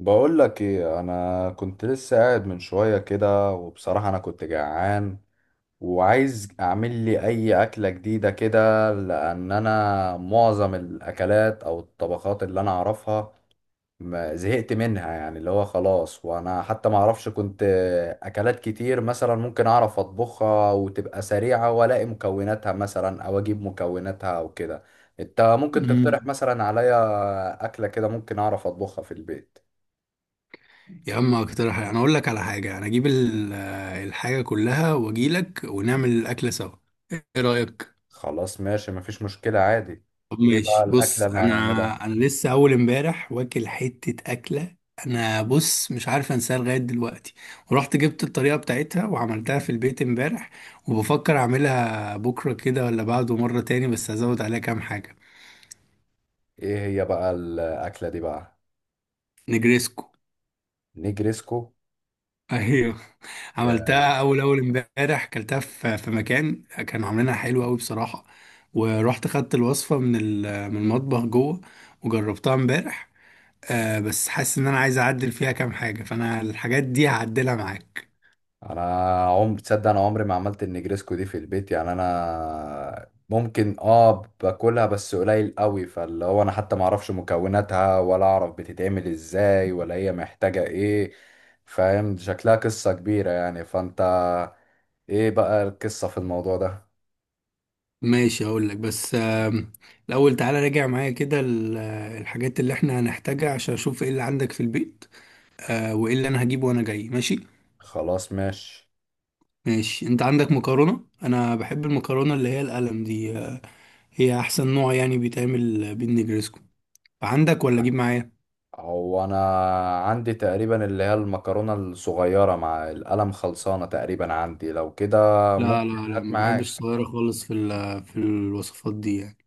بقول لك ايه، انا كنت لسه قاعد من شويه كده وبصراحه انا كنت جعان، وعايز اعمل لي اي اكله جديده كده لان انا معظم الاكلات او الطبخات اللي انا اعرفها ما زهقت منها، يعني اللي هو خلاص. وانا حتى ما اعرفش كنت اكلات كتير مثلا ممكن اعرف اطبخها وتبقى سريعه، والاقي مكوناتها مثلا او اجيب مكوناتها او كده. انت ممكن تقترح مم. مثلا عليا اكله كده ممكن اعرف اطبخها في البيت؟ يا عم، اقترح انا اقول لك على حاجه. انا اجيب الحاجه كلها واجي لك ونعمل الاكله سوا. ايه رايك؟ خلاص ماشي، مفيش مشكلة عادي. طب، ايه بقى ماشي. الأكلة بص اللي انا هنعملها؟ انا لسه اول امبارح واكل حته اكله. انا، بص، مش عارف انساها لغايه دلوقتي. ورحت جبت الطريقه بتاعتها وعملتها في البيت امبارح، وبفكر اعملها بكره كده ولا بعده مره تاني بس هزود عليها كام حاجه. ايه هي بقى الأكلة دي بقى؟ نجريسكو. نجريسكو؟ ايوه، يا. عملتها اول اول امبارح. اكلتها في مكان كانوا عاملينها حلوه قوي بصراحه. ورحت خدت الوصفه من المطبخ جوه وجربتها امبارح. بس حاسس ان انا عايز اعدل فيها كام حاجه، فانا الحاجات دي هعدلها معاك. انا عمري، تصدق انا عمري ما عملت النجريسكو دي في البيت؟ يعني انا ممكن باكلها بس قليل قوي، فاللي هو انا حتى ما اعرفش مكوناتها ولا اعرف بتتعمل ازاي ولا هي محتاجة ايه. فاهم شكلها قصة كبيرة، يعني فانت، ايه بقى القصة في الموضوع ده؟ ماشي، هقول لك. بس الاول تعالى راجع معايا كده الحاجات اللي احنا هنحتاجها عشان اشوف ايه اللي عندك في البيت، وايه اللي انا هجيبه وانا جاي. ماشي، خلاص ماشي. ماشي. انت عندك مكرونه؟ انا بحب المكرونه اللي هي القلم دي، هي احسن نوع يعني بيتعمل بين نجرسكو. عندك ولا اجيب معايا؟ هو انا عندي تقريبا اللي هي المكرونة الصغيرة، مع القلم خلصانة تقريبا عندي لو كده. لا ممكن لا لا، هات ما بحبش معاك. الصغيرة خالص في الوصفات دي يعني.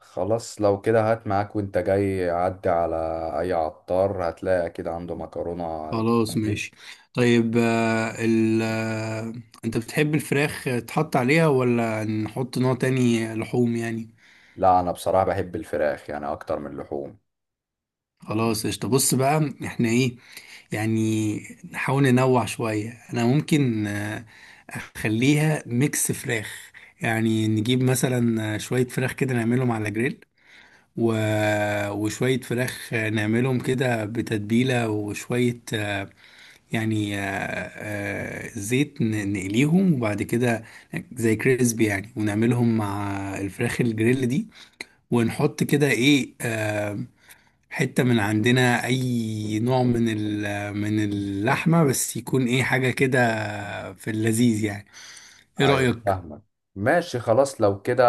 خلاص لو كده هات معاك، وانت جاي عدي على اي عطار هتلاقي اكيد عنده مكرونة الألوان خلاص، دي. ماشي. طيب، آه، ال آه، انت بتحب الفراخ تحط عليها ولا نحط نوع تاني لحوم يعني؟ لا انا بصراحة بحب الفراخ يعني اكتر من اللحوم. خلاص، قشطة. بص بقى، احنا ايه يعني؟ نحاول ننوع شوية. انا ممكن اخليها ميكس فراخ، يعني نجيب مثلا شوية فراخ كده نعملهم على جريل، و... وشوية فراخ نعملهم كده بتتبيلة، وشوية زيت نقليهم، وبعد كده زي كريسبي يعني، ونعملهم مع الفراخ الجريل دي. ونحط كده ايه، حتة من عندنا اي نوع من اللحمة، بس يكون ايه، حاجة كده في اللذيذ يعني. ايه ايوه رأيك؟ فاهمك. ماشي خلاص لو كده.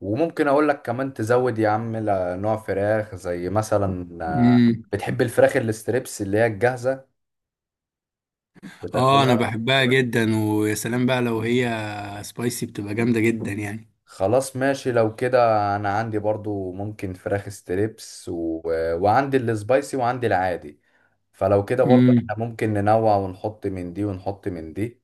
وممكن اقول لك كمان تزود يا عم، نوع فراخ زي مثلا، مم. بتحب الفراخ الستريبس اللي هي الجاهزة اه، انا بتاكلها؟ بحبها جدا، ويا سلام بقى لو هي سبايسي، بتبقى جامدة جدا يعني. خلاص ماشي لو كده. انا عندي برضو ممكن فراخ ستريبس وعندي السبايسي وعندي العادي. فلو كده برضو امم. احنا ممكن ننوع، ونحط من دي ونحط من دي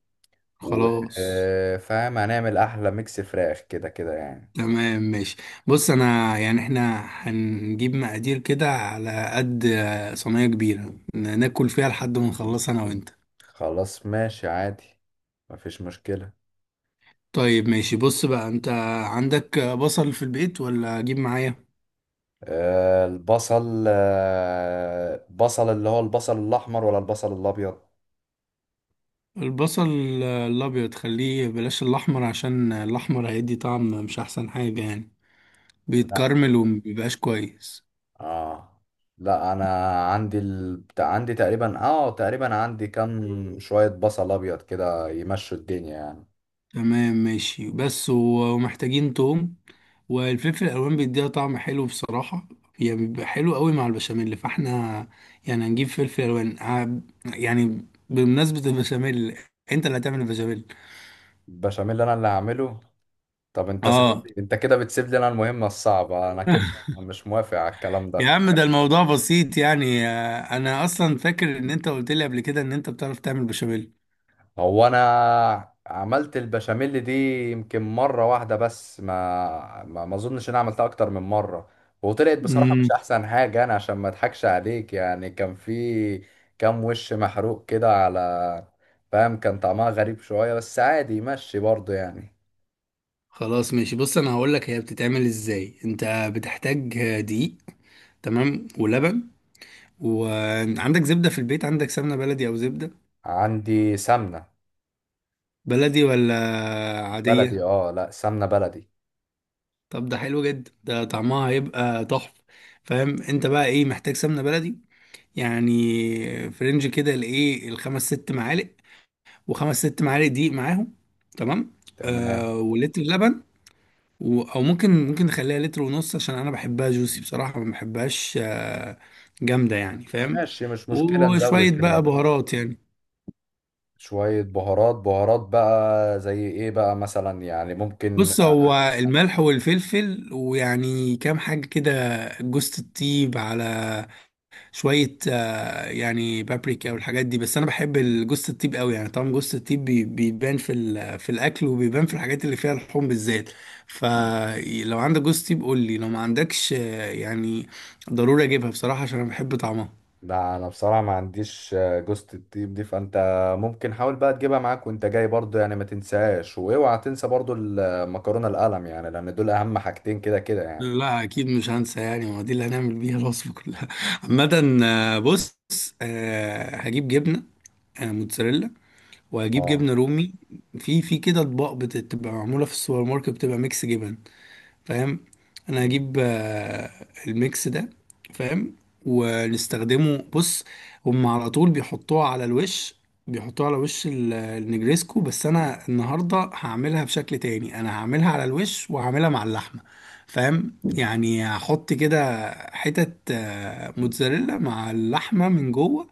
و... خلاص. فاهم هنعمل احلى ميكس فراخ كده كده يعني. تمام، ماشي. بص، انا يعني احنا هنجيب مقادير كده على قد صينية كبيرة ناكل فيها لحد ما نخلص انا وانت. خلاص ماشي عادي، مفيش مشكلة. طيب، ماشي. بص بقى، انت عندك بصل في البيت ولا اجيب معايا؟ البصل، بصل اللي هو البصل الاحمر ولا البصل الابيض؟ البصل الابيض خليه، بلاش الاحمر، عشان الاحمر هيدي طعم مش احسن حاجة يعني، لا، بيتكرمل ومبيبقاش كويس. اه لا، انا عندي عندي تقريبا، تقريبا عندي كام شويه بصل ابيض كده، يمشوا الدنيا يعني. تمام، ماشي. بس و- ومحتاجين توم. والفلفل الالوان بيديها طعم حلو بصراحه، يعني بيبقى حلو قوي مع البشاميل. فاحنا يعني هنجيب فلفل الوان يعني بمناسبه البشاميل، انت اللي هتعمل البشاميل. البشاميل انا اللي هعمله. طب انت اه. انت كده بتسيب لي انا المهمه الصعبه، انا كده مش موافق على الكلام يا ده. عم، ده الموضوع بسيط يعني. انا اصلا فاكر ان انت قلت لي قبل كده ان انت بتعرف تعمل بشاميل. هو انا عملت البشاميل دي يمكن مره واحده بس، ما اظنش ان انا عملتها اكتر من مره. وطلعت بصراحه مش امم. احسن حاجه، انا عشان ما اضحكش عليك يعني، كان في كام وش محروق كده على، فاهم، كان طعمها غريب شويه بس عادي يمشي برضه يعني. خلاص، ماشي. بص، انا هقول لك هي بتتعمل ازاي. انت بتحتاج دقيق، تمام، ولبن. وعندك زبدة في البيت؟ عندك سمنة بلدي او زبدة عندي سمنه بلدي ولا بلدي. عادية؟ اه لا، سمنه بلدي. طب ده حلو جدا، ده طعمها هيبقى تحفة. فاهم؟ انت بقى ايه، محتاج سمنة بلدي، يعني فرنج كده، الايه، الخمس ست معالق. وخمس ست معالق دقيق معاهم، تمام. تمام آه، ولتر لبن، او ممكن نخليها لتر ونص، عشان انا بحبها جوسي بصراحة، ما بحبهاش جامدة يعني، فاهم؟ ماشي، مش مشكله نزود وشوية في بقى اللبن. بهارات يعني. شوية بهارات بقى زي ايه بقى مثلا يعني ممكن؟ بص، هو الملح والفلفل ويعني كام حاجة كده، جوزة الطيب، على شوية يعني بابريكا والحاجات دي، بس أنا بحب الجوز الطيب قوي يعني. طبعا جوز الطيب بيبان في الأكل، وبيبان في الحاجات اللي فيها لحوم بالذات. فلو عندك جوز طيب قول لي، لو ما عندكش يعني ضروري أجيبها بصراحة، عشان أنا بحب طعمها. ده انا بصراحة ما عنديش جوزة الطيب دي، فانت ممكن حاول بقى تجيبها معاك وانت جاي برضو يعني، ما تنساهاش، واوعى تنسى برضو المكرونة القلم يعني، لان دول اهم حاجتين كده كده يعني. لا، أكيد مش هنسى يعني، ما دي اللي هنعمل بيها الوصفة كلها. عامة بص، هجيب جبنة موتزاريلا، وهجيب اه جبنة رومي. في كده أطباق بتبقى معمولة في السوبر ماركت، بتبقى ميكس جبن، فاهم؟ انا هجيب الميكس ده، فاهم، ونستخدمه. بص، هم على طول بيحطوها على الوش، بيحطوها على وش النجريسكو. بس انا النهارده هعملها بشكل تاني، انا هعملها على الوش وهعملها مع اللحمه، فاهم؟ يعني هحط كده حتت موتزاريلا مع اللحمه من جوه،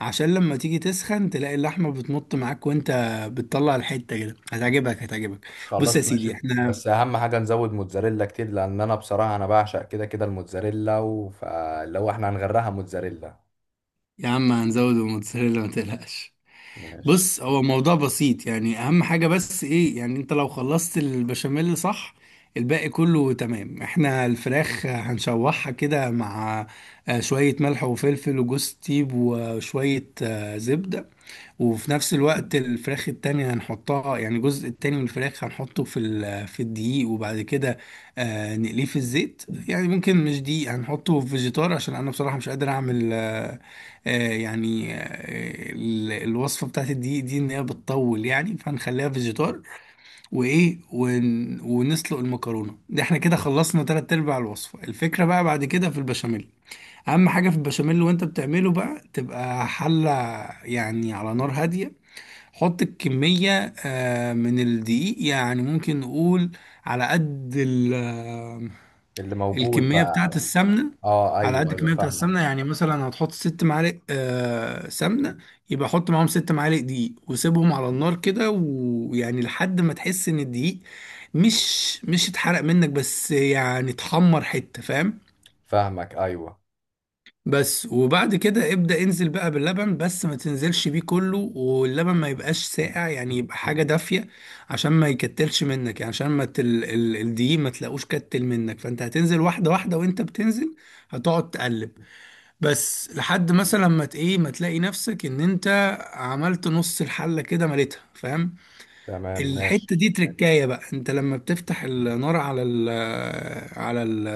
عشان لما تيجي تسخن تلاقي اللحمه بتمط معاك وانت بتطلع الحته. كده هتعجبك، هتعجبك. بص يا خلاص سيدي، ماشي، احنا، بس اهم حاجة نزود موتزاريلا كتير، لان انا بصراحة انا بعشق كده كده الموتزاريلا فلو احنا هنغرقها موتزاريلا. يا عم، هنزود الموتزاريلا، ما تقلقش. ماشي. بص، هو موضوع بسيط يعني، اهم حاجة بس ايه يعني، انت لو خلصت البشاميل صح، الباقي كله تمام. احنا الفراخ هنشوحها كده مع شوية ملح وفلفل وجوز طيب وشوية زبدة. وفي نفس الوقت الفراخ التانية هنحطها، يعني الجزء التاني من الفراخ هنحطه في الدقيق، وبعد كده نقليه في الزيت. يعني ممكن مش دقيق، هنحطه في فيجيتار، عشان انا بصراحة مش قادر اعمل الوصفة بتاعت الدقيق دي ان هي بتطول يعني، فهنخليها فيجيتار. وايه، ونسلق المكرونة. ده احنا كده خلصنا تلات ارباع الوصفة. الفكرة بقى بعد كده في البشاميل. اهم حاجة في البشاميل وانت بتعمله بقى، تبقى حلة يعني على نار هادية. حط الكمية من الدقيق، يعني ممكن نقول على قد اللي موجود الكمية بتاعة بقى. السمنة. اه على قد ايوه ايوه الكمية بتاعة فاهمك. السمنة يعني، مثلا هتحط 6 معالق سمنة، يبقى حط معاهم 6 معالق دقيق. وسيبهم على النار كده، ويعني لحد ما تحس ان الدقيق مش اتحرق منك، بس يعني اتحمر حتة، فاهم؟ فاهمك ايوه. بس. وبعد كده ابدأ انزل بقى باللبن، بس ما تنزلش بيه كله. واللبن ما يبقاش ساقع، يعني يبقى حاجة دافية، عشان ما يكتلش منك. يعني عشان ما الدقيق ما تلاقوش كتل منك. فانت هتنزل واحدة واحدة، وانت بتنزل هتقعد تقلب، بس لحد مثلا ما ت- ايه ما تلاقي نفسك ان انت عملت نص الحلة كده مليتها، فاهم؟ تمام الحتة ماشي. دي تركاية بقى. انت لما بتفتح النار على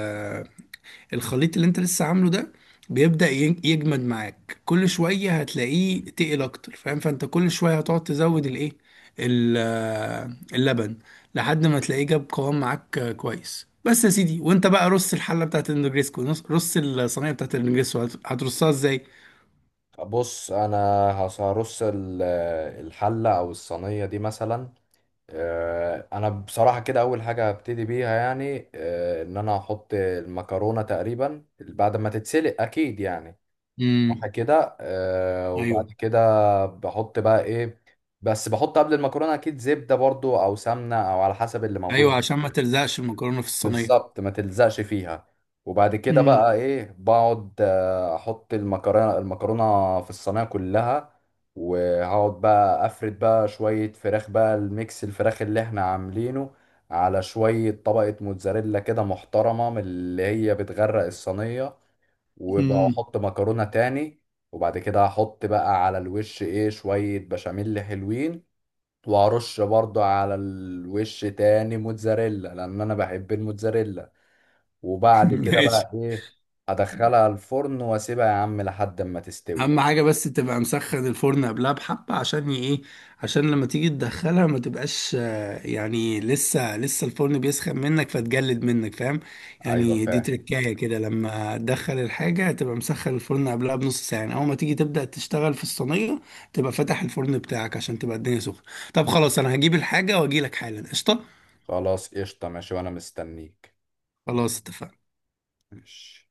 الخليط اللي انت لسه عامله ده، بيبدأ يجمد معاك. كل شوية هتلاقيه تقل اكتر، فاهم؟ فانت كل شوية هتقعد تزود الايه، اللبن، لحد ما تلاقيه جاب قوام معاك كويس. بس يا سيدي، وانت بقى رص الحلة بتاعت النجريسكو، رص الصينية بتاعت النجريسكو، هترصها ازاي؟ بص انا هرص الحله او الصينيه دي مثلا. انا بصراحه كده اول حاجه هبتدي بيها يعني، ان انا هحط المكرونه تقريبا بعد ما تتسلق اكيد يعني، صح امم. كده. وبعد ايوه، كده بحط بقى ايه، بس بحط قبل المكرونه اكيد زبده برضو او سمنه او على حسب اللي ايوه، موجود. عشان ما تلزقش المكرونة في الصينية. بالظبط ما تلزقش فيها. وبعد كده امم. بقى ايه، بقعد احط المكرونه في الصينيه كلها. وهقعد بقى افرد بقى شويه فراخ بقى، الميكس الفراخ اللي احنا عاملينه، على شويه طبقه موتزاريلا كده محترمه من اللي هي بتغرق الصينيه. وبقى امم. احط مكرونه تاني. وبعد كده هحط بقى على الوش ايه شويه بشاميل حلوين. وهرش برضو على الوش تاني موتزاريلا لان انا بحب الموتزاريلا. وبعد كده ماشي. بقى ايه، ادخلها الفرن واسيبها يا عم لحد ما تستوي. اهم حاجه بس تبقى مسخن الفرن قبلها، بحبه عشان ي- ايه عشان لما تيجي تدخلها ما تبقاش يعني لسه الفرن بيسخن منك فتجلد منك، فاهم؟ ايوه يعني دي فاهم. تركايه كده، لما تدخل الحاجه تبقى مسخن الفرن قبلها بنص ساعه. يعني اول ما تيجي تبدا تشتغل في الصينيه، تبقى فاتح الفرن بتاعك عشان تبقى الدنيا سخنه. طب خلاص، انا هجيب الحاجه واجي لك حالا، قشطه. خلاص قشطة ماشي وانا مستنيك. خلاص، اتفقنا. ماشي.